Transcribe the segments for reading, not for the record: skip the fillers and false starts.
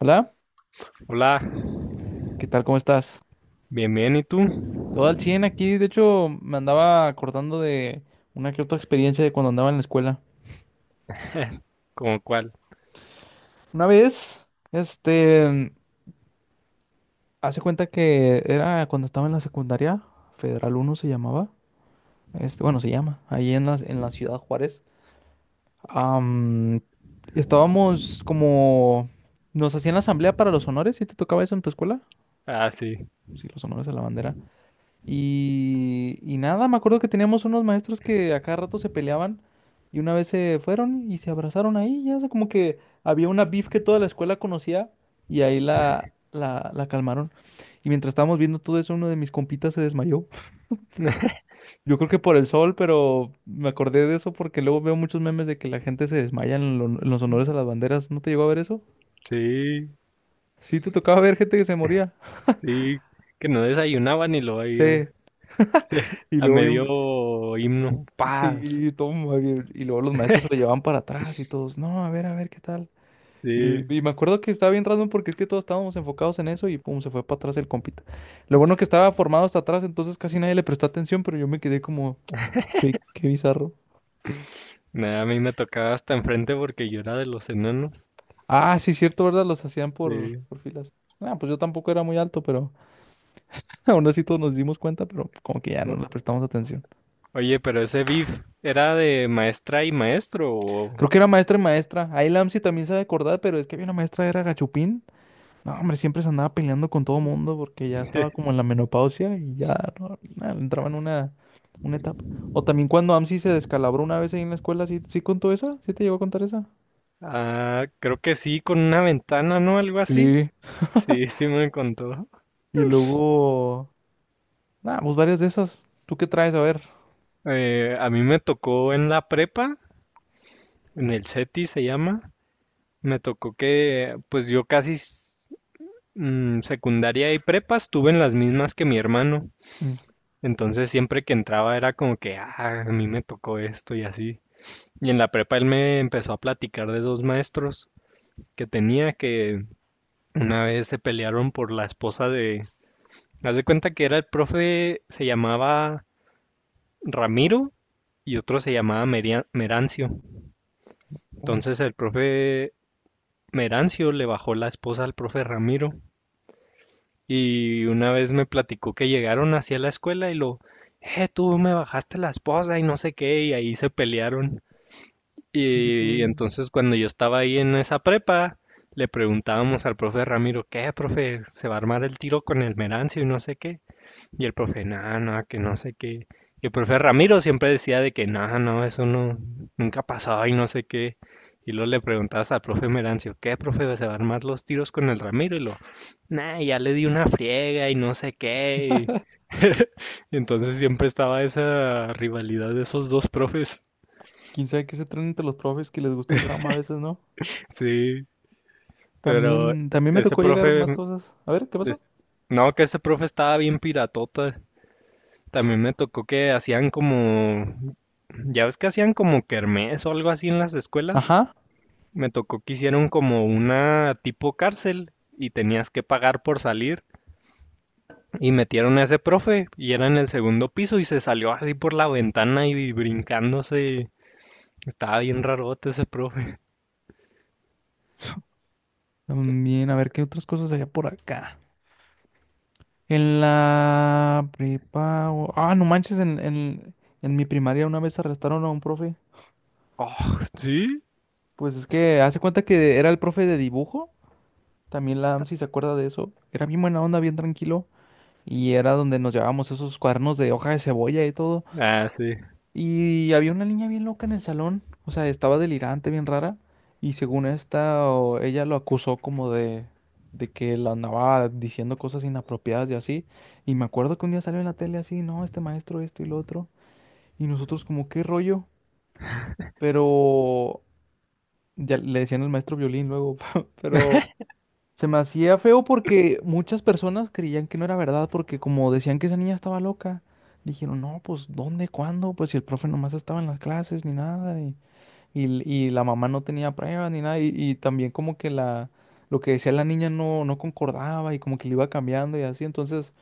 Hola, Hola, ¿qué tal? ¿Cómo estás? bien, bien, ¿y tú? Todo al 100 aquí. De hecho, me andaba acordando de una que otra experiencia de cuando andaba en la escuela. ¿Cómo cuál? Una vez, este, mm, hace cuenta que era cuando estaba en la secundaria, Federal Uno se llamaba. Este, bueno, se llama, ahí en la ciudad Juárez. Am, estábamos como, nos hacían la asamblea para los honores, ¿sí te tocaba eso en tu escuela? Ah, sí, Sí, los honores a la bandera. Y nada, me acuerdo que teníamos unos maestros que a cada rato se peleaban y una vez se fueron y se abrazaron ahí, ya, o sea, como que había una beef que toda la escuela conocía y ahí la calmaron. Y mientras estábamos viendo todo eso, uno de mis compitas se desmayó. Yo creo que por el sol, pero me acordé de eso porque luego veo muchos memes de que la gente se desmaya en los honores a las banderas. ¿No te llegó a ver eso? sí. Sí, te tocaba ver Pues gente que se moría. sí, que no desayunaba ni lo había. Sí, Sí, y a luego bien, medio himno, paz. sí, toma, bien. Y luego los maestros se lo llevaban para atrás y todos, no, a ver, ¿qué tal? Y, Sí, y me acuerdo que estaba bien random porque es que todos estábamos enfocados en eso y pum, se fue para atrás el compita. Lo bueno que estaba formado hasta atrás, entonces casi nadie le prestó atención, pero yo me quedé como, qué bizarro. nada, a mí me tocaba hasta enfrente porque yo era de los enanos. Ah, sí, cierto, ¿verdad? Los hacían Sí. por filas. Ah, pues yo tampoco era muy alto, pero aún así todos nos dimos cuenta, pero como que ya no O- le prestamos atención. oye, pero ese beef, ¿era de maestra y maestro o...? Creo que era maestra y maestra. Ahí Lamsi también sabe acordar, pero es que había una maestra, era Gachupín. No, hombre, siempre se andaba peleando con todo mundo porque ya estaba como en la menopausia y ya no, entraba en una etapa. O también cuando AMSI se descalabró una vez ahí en la escuela, ¿sí, sí contó esa? ¿Sí te llegó a contar esa? Ah, creo que sí, con una ventana, ¿no? Algo así. Sí. Sí, sí me contó. Y luego, nada, pues varias de esas. ¿Tú qué traes? A ver. A mí me tocó en la prepa. En el CETI se llama. Me tocó que, pues yo casi secundaria y prepa estuve en las mismas que mi hermano. Mm, Entonces siempre que entraba era como que, ah, a mí me tocó esto y así. Y en la prepa él me empezó a platicar de dos maestros que tenía que una vez se pelearon por la esposa de... Haz de cuenta que era el profe, se llamaba Ramiro, y otro se llamaba Merancio. ay, Entonces el profe Merancio le bajó la esposa al profe Ramiro. Y una vez me platicó que llegaron hacia la escuela y lo, tú me bajaste la esposa y no sé qué, y ahí se pelearon. qué Y rollo. entonces cuando yo estaba ahí en esa prepa, le preguntábamos al profe Ramiro, ¿qué, profe? ¿Se va a armar el tiro con el Merancio y no sé qué? Y el profe, nada, nada, que no sé qué. Y el profe Ramiro siempre decía de que nada, no, eso no, nunca ha pasado y no sé qué. Y luego le preguntabas al profe Merancio, ¿qué, profe? ¿Se va a armar los tiros con el Ramiro? Y lo, nah, ya le di una friega y no sé qué. Entonces siempre estaba esa rivalidad de esos dos profes. ¿Quién sabe qué se traen entre los profes que les gusta el drama a veces, ¿no? Sí, pero También me ese tocó llegar más profe, cosas. A ver, ¿qué pasó? es- no, que ese profe estaba bien piratota. También me tocó que hacían como, ya ves que hacían como kermés o algo así en las escuelas. Ajá. Me tocó que hicieron como una tipo cárcel y tenías que pagar por salir. Y metieron a ese profe y era en el segundo piso, y se salió así por la ventana y brincándose. Estaba bien rarote ese profe. También, a ver, ¿qué otras cosas había por acá? En la prepa. O- Ah, no manches, en mi primaria una vez arrestaron a un profe. Oh, sí. Pues es que hace cuenta que era el profe de dibujo. También la AMSI se acuerda de eso. Era bien buena onda, bien tranquilo. Y era donde nos llevábamos esos cuadernos de hoja de cebolla y todo. Ah, sí. Y había una niña bien loca en el salón, o sea, estaba delirante, bien rara, y según esta, ella lo acusó como de que la andaba diciendo cosas inapropiadas y así, y me acuerdo que un día salió en la tele así, no, este maestro, esto y lo otro, y nosotros como, ¿qué rollo? Pero ya le decían el maestro violín luego, pero se me hacía feo porque muchas personas creían que no era verdad, porque como decían que esa niña estaba loca, dijeron, no, pues, ¿dónde, cuándo? Pues si el profe nomás estaba en las clases ni nada, y la mamá no tenía pruebas ni nada. Y también como que la, lo que decía la niña no concordaba y como que le iba cambiando y así. Entonces,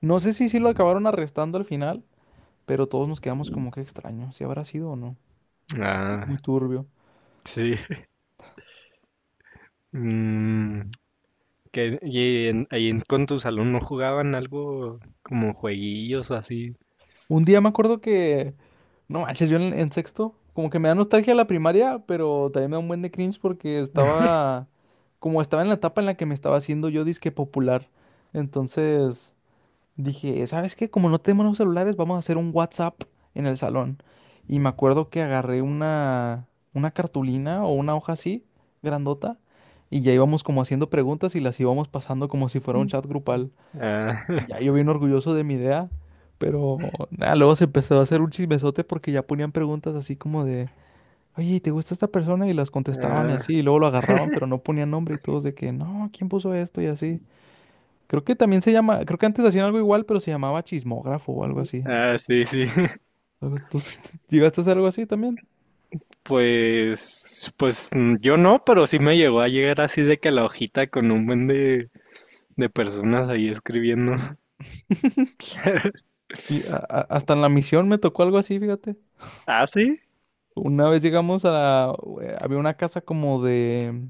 no sé si sí lo acabaron arrestando al final, pero todos nos quedamos como que extraño, si habrá sido o no. Ah, Muy turbio. sí. Mm, que, con tus alumnos jugaban algo como jueguillos o así. Un día me acuerdo que, no manches, yo en sexto, como que me da nostalgia la primaria, pero también me da un buen de cringe porque estaba, como estaba en la etapa en la que me estaba haciendo yo disque popular. Entonces, dije, ¿sabes qué? Como no tenemos los celulares, vamos a hacer un WhatsApp en el salón. Y me acuerdo que agarré una cartulina o una hoja así, grandota, y ya íbamos como haciendo preguntas y las íbamos pasando como si fuera un chat grupal. Y Ah, ya yo bien orgulloso de mi idea, pero nada, luego se empezó a hacer un chismesote porque ya ponían preguntas así como de, oye, ¿te gusta esta persona? Y las contestaban y así, y luego lo agarraban, pero no ponían nombre y todos de que, no, ¿quién puso esto? Y así. Creo que también se llama, creo que antes hacían algo igual, pero se llamaba chismógrafo o algo así. ah, sí, sí. ¿Tú llegaste a hacer algo así también? Pues, yo no, pero sí me llegó a llegar así de que la hojita con un buen de personas ahí escribiendo. Y hasta en la misión me tocó algo así, fíjate. Ah, sí. Una vez llegamos a había una casa como de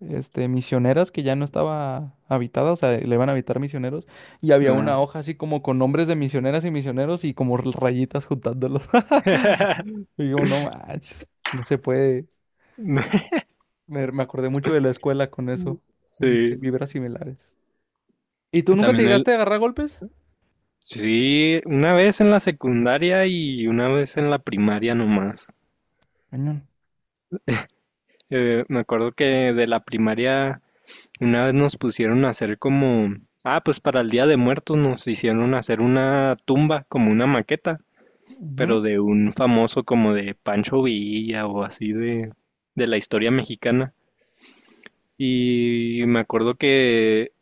este misioneras que ya no estaba habitada, o sea, le iban a habitar misioneros y había Ah. una hoja así como con nombres de misioneras y misioneros y como rayitas juntándolos. Y digo, no manches, no se puede. Me acordé mucho de la escuela con eso, muchas Sí, vibras similares. ¿Y tú nunca te también el... llegaste a agarrar a golpes? Sí, una vez en la secundaria y una vez en la primaria nomás. Cañón. Me acuerdo que de la primaria una vez nos pusieron a hacer como... Ah, pues para el Día de Muertos nos hicieron hacer una tumba, como una maqueta. Ujú. Pero de un famoso como de Pancho Villa o así de la historia mexicana. Y me acuerdo que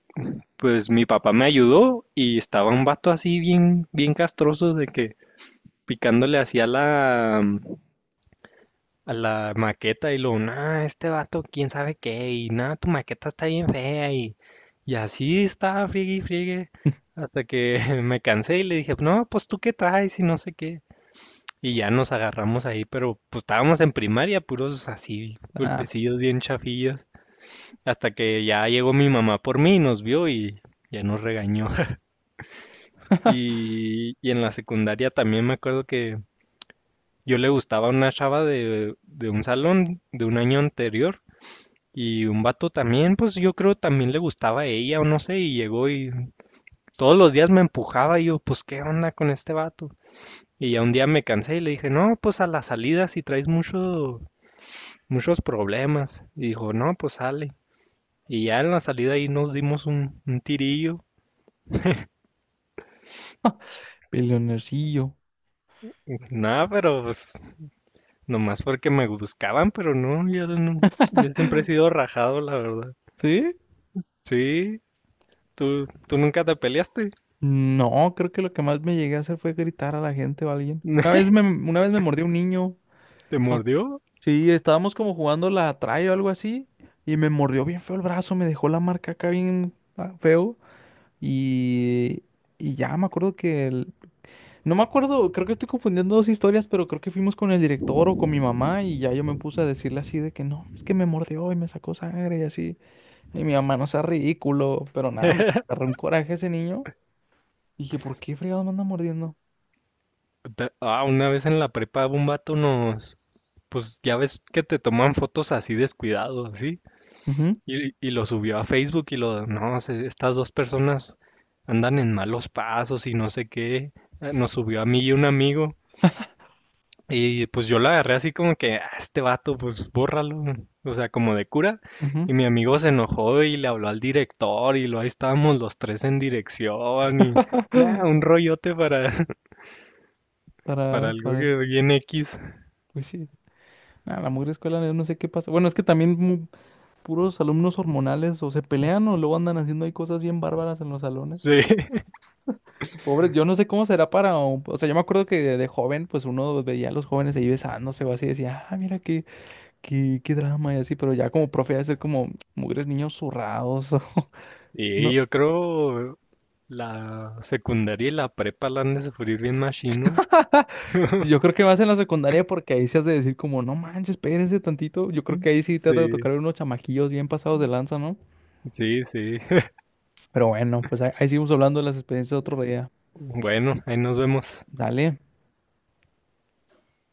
pues mi papá me ayudó, y estaba un vato así bien castroso de que picándole hacía la, a la maqueta, y luego, nah, este vato, quién sabe qué, y nada, tu maqueta está bien fea, y así estaba, friegue y friegue, hasta que me cansé y le dije, no, pues tú qué traes y no sé qué. Y ya nos agarramos ahí, pero pues estábamos en primaria, puros así, Ah, golpecillos bien chafillas, hasta que ya llegó mi mamá por mí, nos vio y ya nos regañó. Y en la secundaria también me acuerdo que yo le gustaba una chava de un salón de un año anterior, y un vato también, pues yo creo también le gustaba a ella o no sé, y llegó y todos los días me empujaba y yo, pues ¿qué onda con este vato? Y ya un día me cansé y le dije, no, pues a la salida si traes muchos problemas. Y dijo, no, pues sale. Y ya en la salida ahí nos dimos un tirillo. peleonercillo. Nada, pero pues nomás porque me buscaban, pero no, yo no. Yo siempre he sido rajado, la verdad. ¿Sí? Sí, tú nunca te peleaste. No, creo que lo que más me llegué a hacer fue gritar a la gente o a alguien. Una vez me mordió un niño. ¿Te mordió? Sí, estábamos como jugando la atrae o algo así. Y me mordió bien feo el brazo, me dejó la marca acá bien ah, feo. Y, y ya me acuerdo que no me acuerdo, creo que estoy confundiendo dos historias, pero creo que fuimos con el director o con mi mamá y ya yo me puse a decirle así de que no, es que me mordió y me sacó sangre y así. Y mi mamá no sea ridículo, pero nada, me agarró un coraje ese niño. Dije, ¿por qué fregados me anda mordiendo? Ah, una vez en la prepa un vato nos... Pues ya ves que te toman fotos así descuidado, así. Ujú, Y lo subió a Facebook y lo, no, estas dos personas andan en malos pasos y no sé qué. Nos subió a mí y un amigo. Y pues yo lo agarré así como que, "Ah, este vato, pues bórralo". O sea, como de cura. ujú, Y mi amigo se enojó y le habló al director y lo, ahí estábamos los tres en dirección y nada, un rollote para, para algo para eso. que bien X. Pues sí. Nada, la mugre escuela, yo no sé qué pasa. Bueno, es que también puros alumnos hormonales o se pelean o luego andan haciendo ahí cosas bien bárbaras en los salones. Sí. Pobre, yo no sé cómo será para. O sea, yo me acuerdo que de joven, pues uno veía a los jóvenes ahí besándose o así, decía, ah, mira qué, qué drama y así, pero ya como profe, ha de ser como mugres niños zurrados, Y ¿no? yo creo la secundaria y la prepa la han de sufrir bien machino. Yo creo que más en la secundaria porque ahí se has de decir como, no manches, espérense tantito. Yo creo que ahí sí trata de Sí, tocar unos chamaquillos bien pasados de lanza, ¿no? sí, sí. Pero bueno, pues ahí, ahí seguimos hablando de las experiencias otro día. Bueno, ahí nos vemos. Dale.